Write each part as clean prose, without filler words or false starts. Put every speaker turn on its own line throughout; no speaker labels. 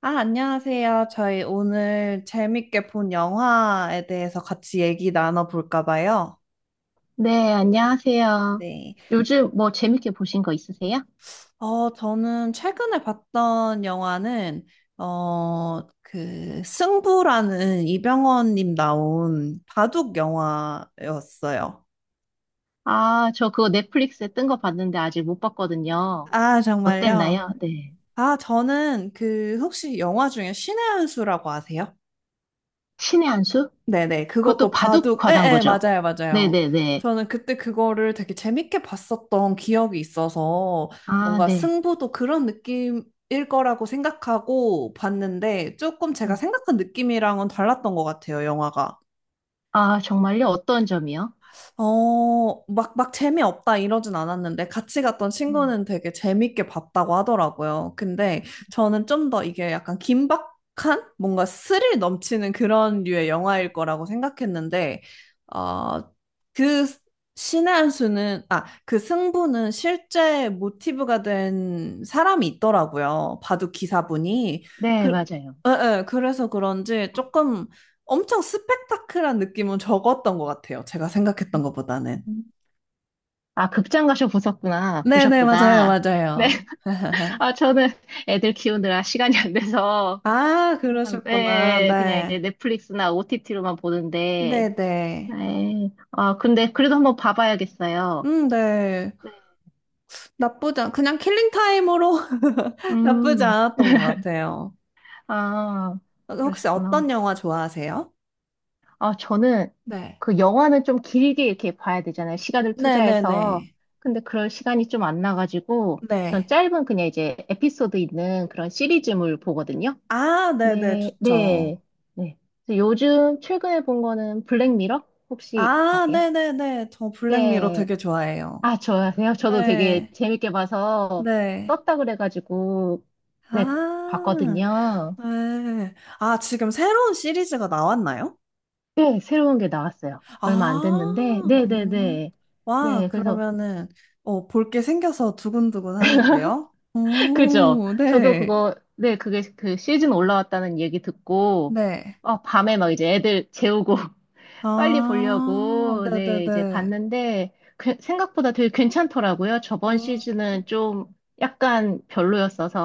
아, 안녕하세요. 저희 오늘 재밌게 본 영화에 대해서 같이 얘기 나눠볼까 봐요.
네, 안녕하세요.
네.
요즘 뭐 재밌게 보신 거 있으세요?
저는 최근에 봤던 영화는, 승부라는 이병헌님 나온 바둑 영화였어요.
아, 저 그거 넷플릭스에 뜬 거 봤는데 아직 못 봤거든요.
아, 정말요?
어땠나요? 네.
아, 저는 그, 혹시 영화 중에 신의 한 수라고 아세요?
신의 한 수?
네네,
그것도
그것도
바둑
바둑,
관한 거죠?
맞아요, 맞아요.
네네네.
저는 그때 그거를 되게 재밌게 봤었던 기억이 있어서
아,
뭔가
네.
승부도 그런 느낌일 거라고 생각하고 봤는데 조금 제가
음.
생각한 느낌이랑은 달랐던 것 같아요, 영화가.
아, 정말요? 어떤 점이요?
막 재미없다 이러진 않았는데 같이 갔던
음.
친구는 되게 재밌게 봤다고 하더라고요. 근데 저는 좀 더 이게 약간 긴박한 뭔가 스릴 넘치는 그런 류의 영화일 거라고 생각했는데, 어, 그 신의 한 수는, 아, 그 승부는 실제 모티브가 된 사람이 있더라고요. 바둑 기사분이.
네,
그,
맞아요.
예, 예, 그래서 그런지 조금 엄청 스펙타클한 느낌은 적었던 것 같아요. 제가 생각했던 것보다는.
음. 아, 극장 가셔 보셨구나.
네네, 맞아요,
보셨구나. 네.
맞아요.
아, 저는 애들 키우느라 시간이 안 돼서
아,
항상,
그러셨구나.
네, 그냥 이제
네.
넷플릭스나 OTT로만 보는데,
네네.
네. 아, 근데 그래도 한번 봐봐야겠어요.
네.
네.
그냥 킬링 타임으로 나쁘지
음,
않았던 것 같아요.
아,
혹시 어떤
그러셨구나.
영화 좋아하세요?
아, 저는
네.
그 영화는 좀 길게 이렇게 봐야 되잖아요. 시간을
네네네.
투자해서. 근데 그럴 시간이 좀 안 나가지고, 전
네.
짧은 그냥 이제 에피소드 있는 그런 시리즈물 보거든요.
아, 네네,
네,
좋죠.
네, 네. 그래서 요즘 최근에 본 거는 블랙미러? 혹시
아,
아세요?
네네네. 저 블랙미러
네.
되게 좋아해요.
아, 좋아하세요? 저도 되게
네.
재밌게 봐서
네.
떴다 그래가지고 네,
아.
봤거든요.
네. 아, 지금 새로운 시리즈가 나왔나요?
네, 새로운 게 나왔어요. 얼마 안 됐는데.
아,
네네네. 네,
음.
네.
와,
네, 그래서
그러면은, 볼 게 생겨서 두근두근 하는데요?
그죠?
오,
저도
네.
그거 네, 그게 그 시즌 올라왔다는 얘기 듣고
네.
어, 밤에 막 이제 애들 재우고 빨리
아,
보려고 네, 이제
네네네.
봤는데 생각보다 되게 괜찮더라고요. 저번
음.
시즌은 좀 약간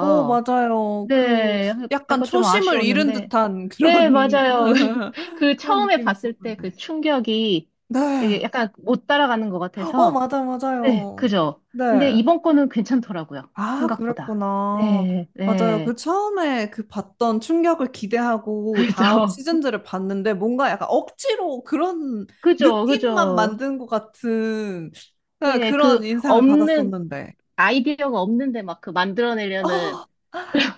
오, 맞아요. 그,
네,
약간
약간 좀
초심을 잃은
아쉬웠는데.
듯한
네,
그런,
맞아요. 그
그런
처음에
느낌이
봤을 때 그
있었는데.
충격이
네.
되게 약간 못 따라가는 것
어,
같아서.
맞아,
네,
맞아요.
그죠. 근데
네.
이번 거는 괜찮더라고요.
아,
생각보다.
그랬구나.
네,
맞아요. 그
네.
처음에 그 봤던 충격을 기대하고 다음
그죠.
시즌들을 봤는데 뭔가 약간 억지로 그런
그죠,
느낌만
그죠.
만든 것 같은 네,
네,
그런
그
인상을
없는,
받았었는데.
아이디어가 없는데 막 그 만들어내려는.
아,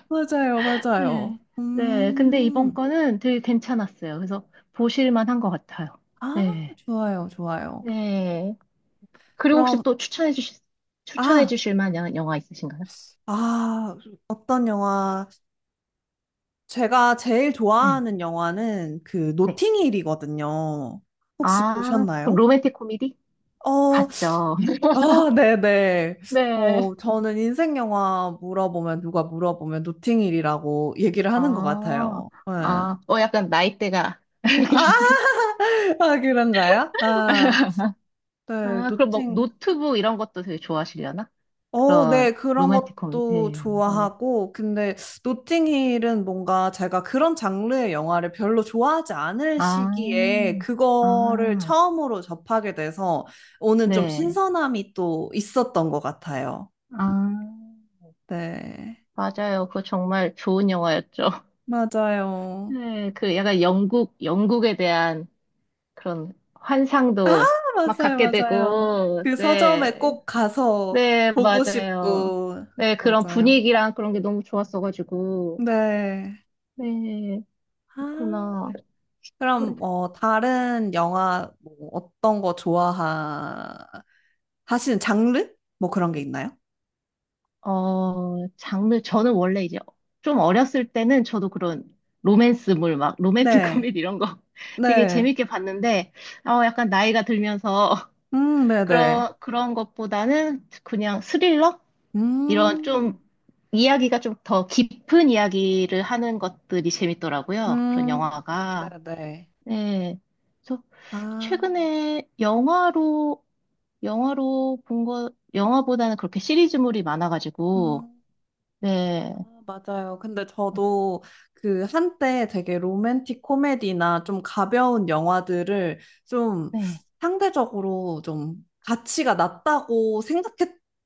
맞아요.
네,
맞아요.
네. 근데 이번
음.
거는 되게 괜찮았어요. 그래서 보실만 한 것 같아요.
아,
네,
좋아요. 좋아요.
네. 그리고 혹시
그럼,
또 추천해 주실, 추천해
아,
주실 만한 영화 있으신가요?
아, 어떤 영화. 제가 제일
네.
좋아하는 영화는 그
네.
노팅힐이거든요. 혹시
아, 그럼
보셨나요?
로맨틱 코미디?
어,
봤죠.
아, 네네.
네.
어, 저는 인생 영화 물어보면, 누가 물어보면 노팅힐이라고 얘기를 하는 것
아,
같아요. 네. 아,
아, 어, 약간 나이대가.
아, 그런가요? 아, 네,
아, 그럼 뭐
노팅.
노트북 이런 것도 되게 좋아하시려나?
어, 네,
그런
그런
로맨틱 코미디.
것도
네, 네.
좋아하고, 근데 노팅힐은 뭔가 제가 그런 장르의 영화를 별로 좋아하지 않을
아,
시기에 그거를
아,
처음으로 접하게 돼서 오는 좀
네.
신선함이 또 있었던 것 같아요.
아,
네,
맞아요. 그거 정말 좋은 영화였죠.
맞아요.
네, 그 약간 영국, 영국에 대한 그런 환상도 막
맞아요,
갖게
맞아요.
되고,
그 서점에
네.
꼭 가서
네,
보고
맞아요.
싶고,
네, 그런
맞아요.
분위기랑 그런 게 너무 좋았어가지고.
네.
네,
아,
그렇구나.
그럼 뭐 다른 영화 뭐 어떤 거 좋아하시는 장르? 뭐 그런 게 있나요?
장르, 저는 원래 이제 좀 어렸을 때는 저도 그런 로맨스물, 막 로맨틱
네,
코미디 이런 거 되게
네.
재밌게 봤는데, 어, 약간 나이가 들면서
네, 네.
그런, 그런 것보다는 그냥 스릴러? 이런
음,
좀 이야기가 좀 더 깊은 이야기를 하는 것들이 재밌더라고요. 그런
음, 네,
영화가.
네.
네. 그래서
아,
최근에 영화로, 영화로 본 거, 영화보다는 그렇게 시리즈물이 많아가지고,
음.
네.
아, 맞아요. 근데 저도 그 한때 되게 로맨틱 코미디나 좀 가벼운 영화들을 좀
네.
상대적으로 좀 가치가 낮다고 생각했던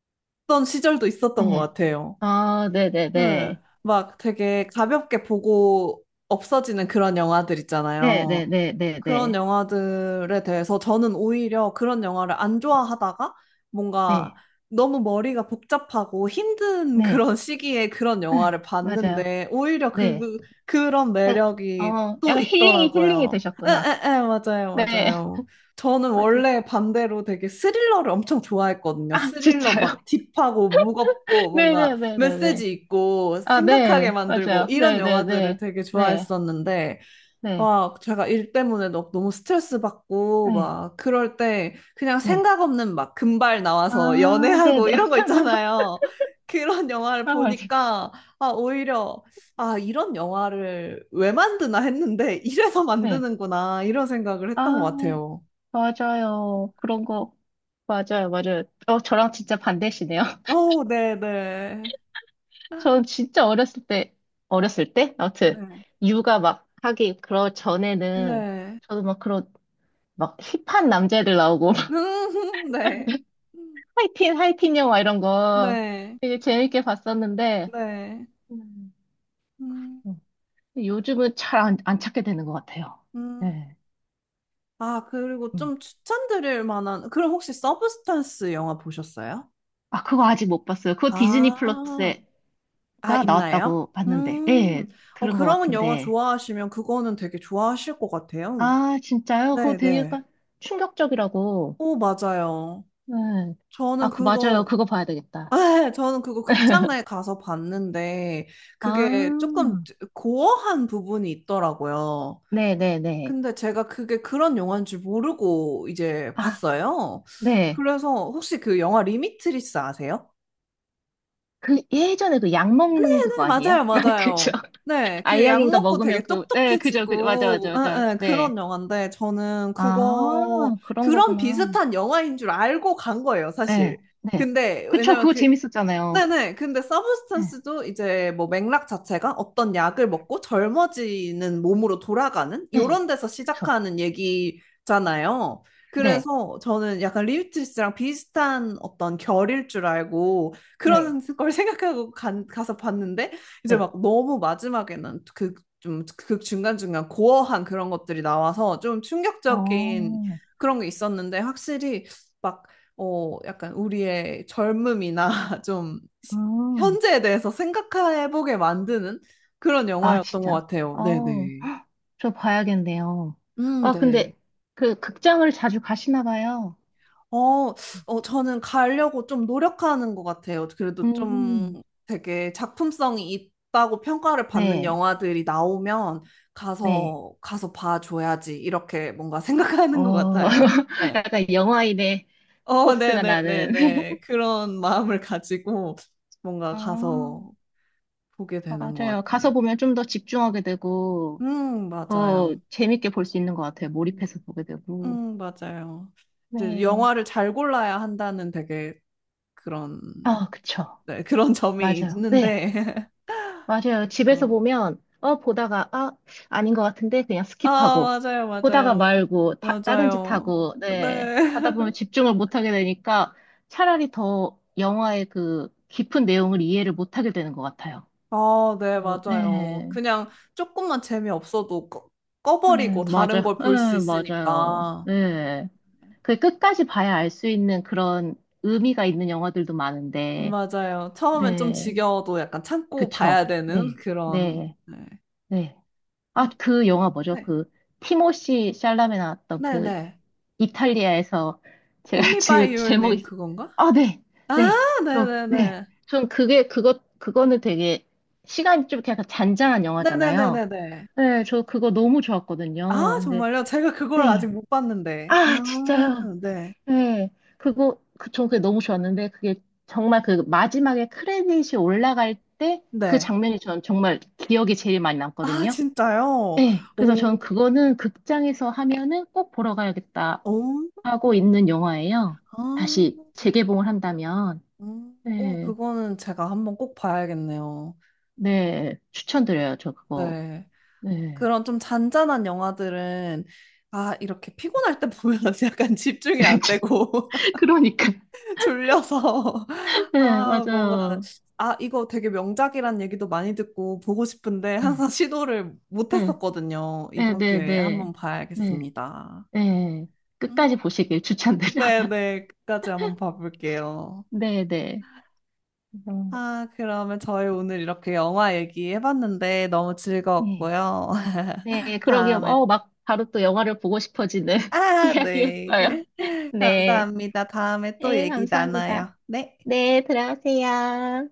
시절도 있었던 것
네.
같아요.
아,
네.
네네네.
막 되게 가볍게 보고 없어지는 그런 영화들 있잖아요.
네네네네네. 네.
그런
네.
영화들에 대해서 저는 오히려 그런 영화를 안 좋아하다가 뭔가
네.
너무 머리가 복잡하고 힘든
네, 네, 네. 네.
그런 시기에 그런
네. 네.
영화를
맞아요.
봤는데 오히려
네.
그런
네.
매력이
어,
또
약간 힐링이 힐링이
있더라고요.
되셨구나.
에에에 맞아요
네.
맞아요. 저는
맞아요.
원래 반대로 되게 스릴러를 엄청 좋아했거든요.
아,
스릴러
진짜요?
막 딥하고 무겁고 뭔가
네네네네네.
메시지 있고
아,
생각하게
네,
만들고
맞아요.
이런
네, 네,
영화들을
네,
되게
네,
좋아했었는데
네,
와, 제가 일 때문에 너무 스트레스 받고,
네,
막, 그럴 때, 그냥
네.
생각 없는 막 금발 나와서
아, 네,
연애하고
네.
이런 거 있잖아요. 그런 영화를
아, 맞아요.
보니까, 아, 오히려, 아, 이런 영화를 왜 만드나 했는데, 이래서
네.
만드는구나, 이런 생각을 했던 것
아,
같아요.
맞아요. 그런 거. 맞아요, 맞아요. 어, 저랑 진짜 반대시네요.
어, 네네.
전 진짜 어렸을 때, 어렸을 때?
네.
아무튼, 육아 막 하기, 그러 전에는,
네.
저도 막 그런, 막 힙한 남자애들 나오고,
음, 네.
하이틴, 하이틴 영화 이런 거
네.
되게 재밌게 봤었는데,
네. 음,
음. 요즘은 잘 안, 안 찾게 되는 것 같아요.
음.
네.
아, 그리고
어.
좀 추천드릴 만한, 그럼 혹시 서브스탄스 영화 보셨어요?
아, 그거 아직 못 봤어요. 그거 디즈니
아,
플러스가
아, 있나요?
나왔다고 봤는데,
음,
예,
어,
들은 것
그런 영화
같은데.
좋아하시면 그거는 되게 좋아하실 것 같아요.
아, 진짜요? 그거 되게
네네.
약간 충격적이라고.
오, 맞아요.
네.
저는
아, 그, 맞아요.
그거,
그거 봐야 되겠다.
저는 그거 극장에 가서 봤는데, 그게 조금
아,
고어한 부분이 있더라고요.
네네네.
근데 제가 그게 그런 영화인 줄 모르고 이제
아,
봤어요.
네.
그래서 혹시 그 영화 리미트리스 아세요?
그 예전에 그 약
네,
먹는 그거
네, 맞아요,
아니에요? 그죠?
맞아요. 네, 그 약
알약인가
먹고
먹으면
되게
그, 네, 그죠, 그죠. 맞아, 맞아,
똑똑해지고,
맞아. 네.
그런 영화인데,
아, 그런
그런
거구나.
비슷한 영화인 줄 알고 간 거예요, 사실.
네, 네.
근데,
그쵸,
왜냐면
그거
그,
재밌었잖아요.
네네. 근데
네,
서브스턴스도 이제 뭐 맥락 자체가 어떤 약을 먹고 젊어지는 몸으로 돌아가는
네.
이런 데서
그쵸.
시작하는 얘기잖아요.
네,
그래서 저는 약간 리우트리스랑 비슷한 어떤 결일 줄 알고
네,
그런 걸 생각하고 가서 봤는데 이제
네.
막 너무 마지막에는 좀 그 중간중간 고어한 그런 것들이 나와서 좀 충격적인
어,
그런 게 있었는데 확실히 막 약간 우리의 젊음이나 좀 시-
음.
현재에 대해서 생각해보게 만드는 그런
아,
영화였던 것
진짜.
같아요.
어,
네네.
저 봐야겠네요. 아,
네.
근데 그 극장을 자주 가시나 봐요.
어, 저는 가려고 좀 노력하는 것 같아요. 그래도
음.
좀 되게 작품성이 있다고 평가를 받는
네,
영화들이 나오면
네.
가서 봐줘야지. 이렇게 뭔가 생각하는 것
어,
같아요. 네.
약간 영화인의 포스가 나는.
네네네네. 그런 마음을 가지고 뭔가
아,
가서 보게 되는 것
맞아요.
같아요.
가서 보면 좀 더 집중하게 되고, 더
맞아요.
재밌게 볼 수 있는 것 같아요. 몰입해서 보게 되고.
맞아요. 이제
네.
영화를 잘 골라야 한다는 되게 그런,
아, 그쵸.
네, 그런 점이
맞아요. 네.
있는데.
맞아요. 집에서
진짜.
보면, 어, 보다가, 아, 아닌 것 같은데, 그냥 스킵하고,
아, 맞아요,
보다가
맞아요.
말고, 다, 다른 짓
맞아요.
하고,
네.
네. 하다 보면 집중을 못하게 되니까 차라리 더 영화의 그 깊은 내용을 이해를 못하게 되는 것 같아요.
아, 네,
어,
맞아요.
네.
그냥 조금만 재미없어도
네,
꺼버리고 다른
맞아요.
걸 볼 수
네, 맞아요.
있으니까.
네. 그 끝까지 봐야 알 수 있는 그런 의미가 있는 영화들도 많은데,
맞아요. 처음엔 좀
네.
지겨워도 약간 참고 봐야
그쵸.
되는
네.
그런,
네.
네.
네. 아,
음,
그 영화 뭐죠?
네.
그 티모시 샬라메 나왔던 그
네네.
이탈리아에서 제가
Call me by
지금
your name
제목이
그건가?
아, 네.
아,
네. 저 네.
네네네.
전 그게 그거 그거는 되게 시간이 좀 이렇게 약간 잔잔한 영화잖아요.
네네네네네.
네, 저 그거 너무 좋았거든요.
아,
근데
정말요? 제가 그걸
네.
아직 못 봤는데.
아,
아,
진짜요.
네.
네. 그거 그, 저 그게 너무 좋았는데 그게 정말 그 마지막에 크레딧이 올라갈 때 그
네.
장면이 전 정말 기억에 제일 많이
아,
남거든요.
진짜요?
네, 그래서 저는
오.
그거는 극장에서 하면은 꼭 보러 가야겠다
오.
하고 있는 영화예요.
아.
다시 재개봉을 한다면.
음. 오,
네,
그거는 제가 한번 꼭 봐야겠네요.
네, 추천드려요, 저 그거.
네.
네.
그런 좀 잔잔한 영화들은 아, 이렇게 피곤할 때 보면 약간 집중이 안 되고
그러니까.
졸려서
네,
아, 뭔가
맞아요.
아, 이거 되게 명작이란 얘기도 많이 듣고 보고 싶은데
네,
항상 시도를 못
네,
했었거든요. 이번
네,
기회에
네.
한번
네,
봐야겠습니다.
네. 끝까지
음.
보시길 추천드려요.
네네, 끝까지 한번 봐볼게요.
네, 네.
아, 그러면 저희 오늘 이렇게 영화 얘기해봤는데 너무
음,
즐거웠고요.
네, 네, 그러게요.
다음에
어, 막 바로 또 영화를 보고 싶어지는
아, 네.
이야기였어요. 네,
감사합니다. 다음에 또
네,
얘기
감사합니다.
나눠요. 네.
네, 들어가세요.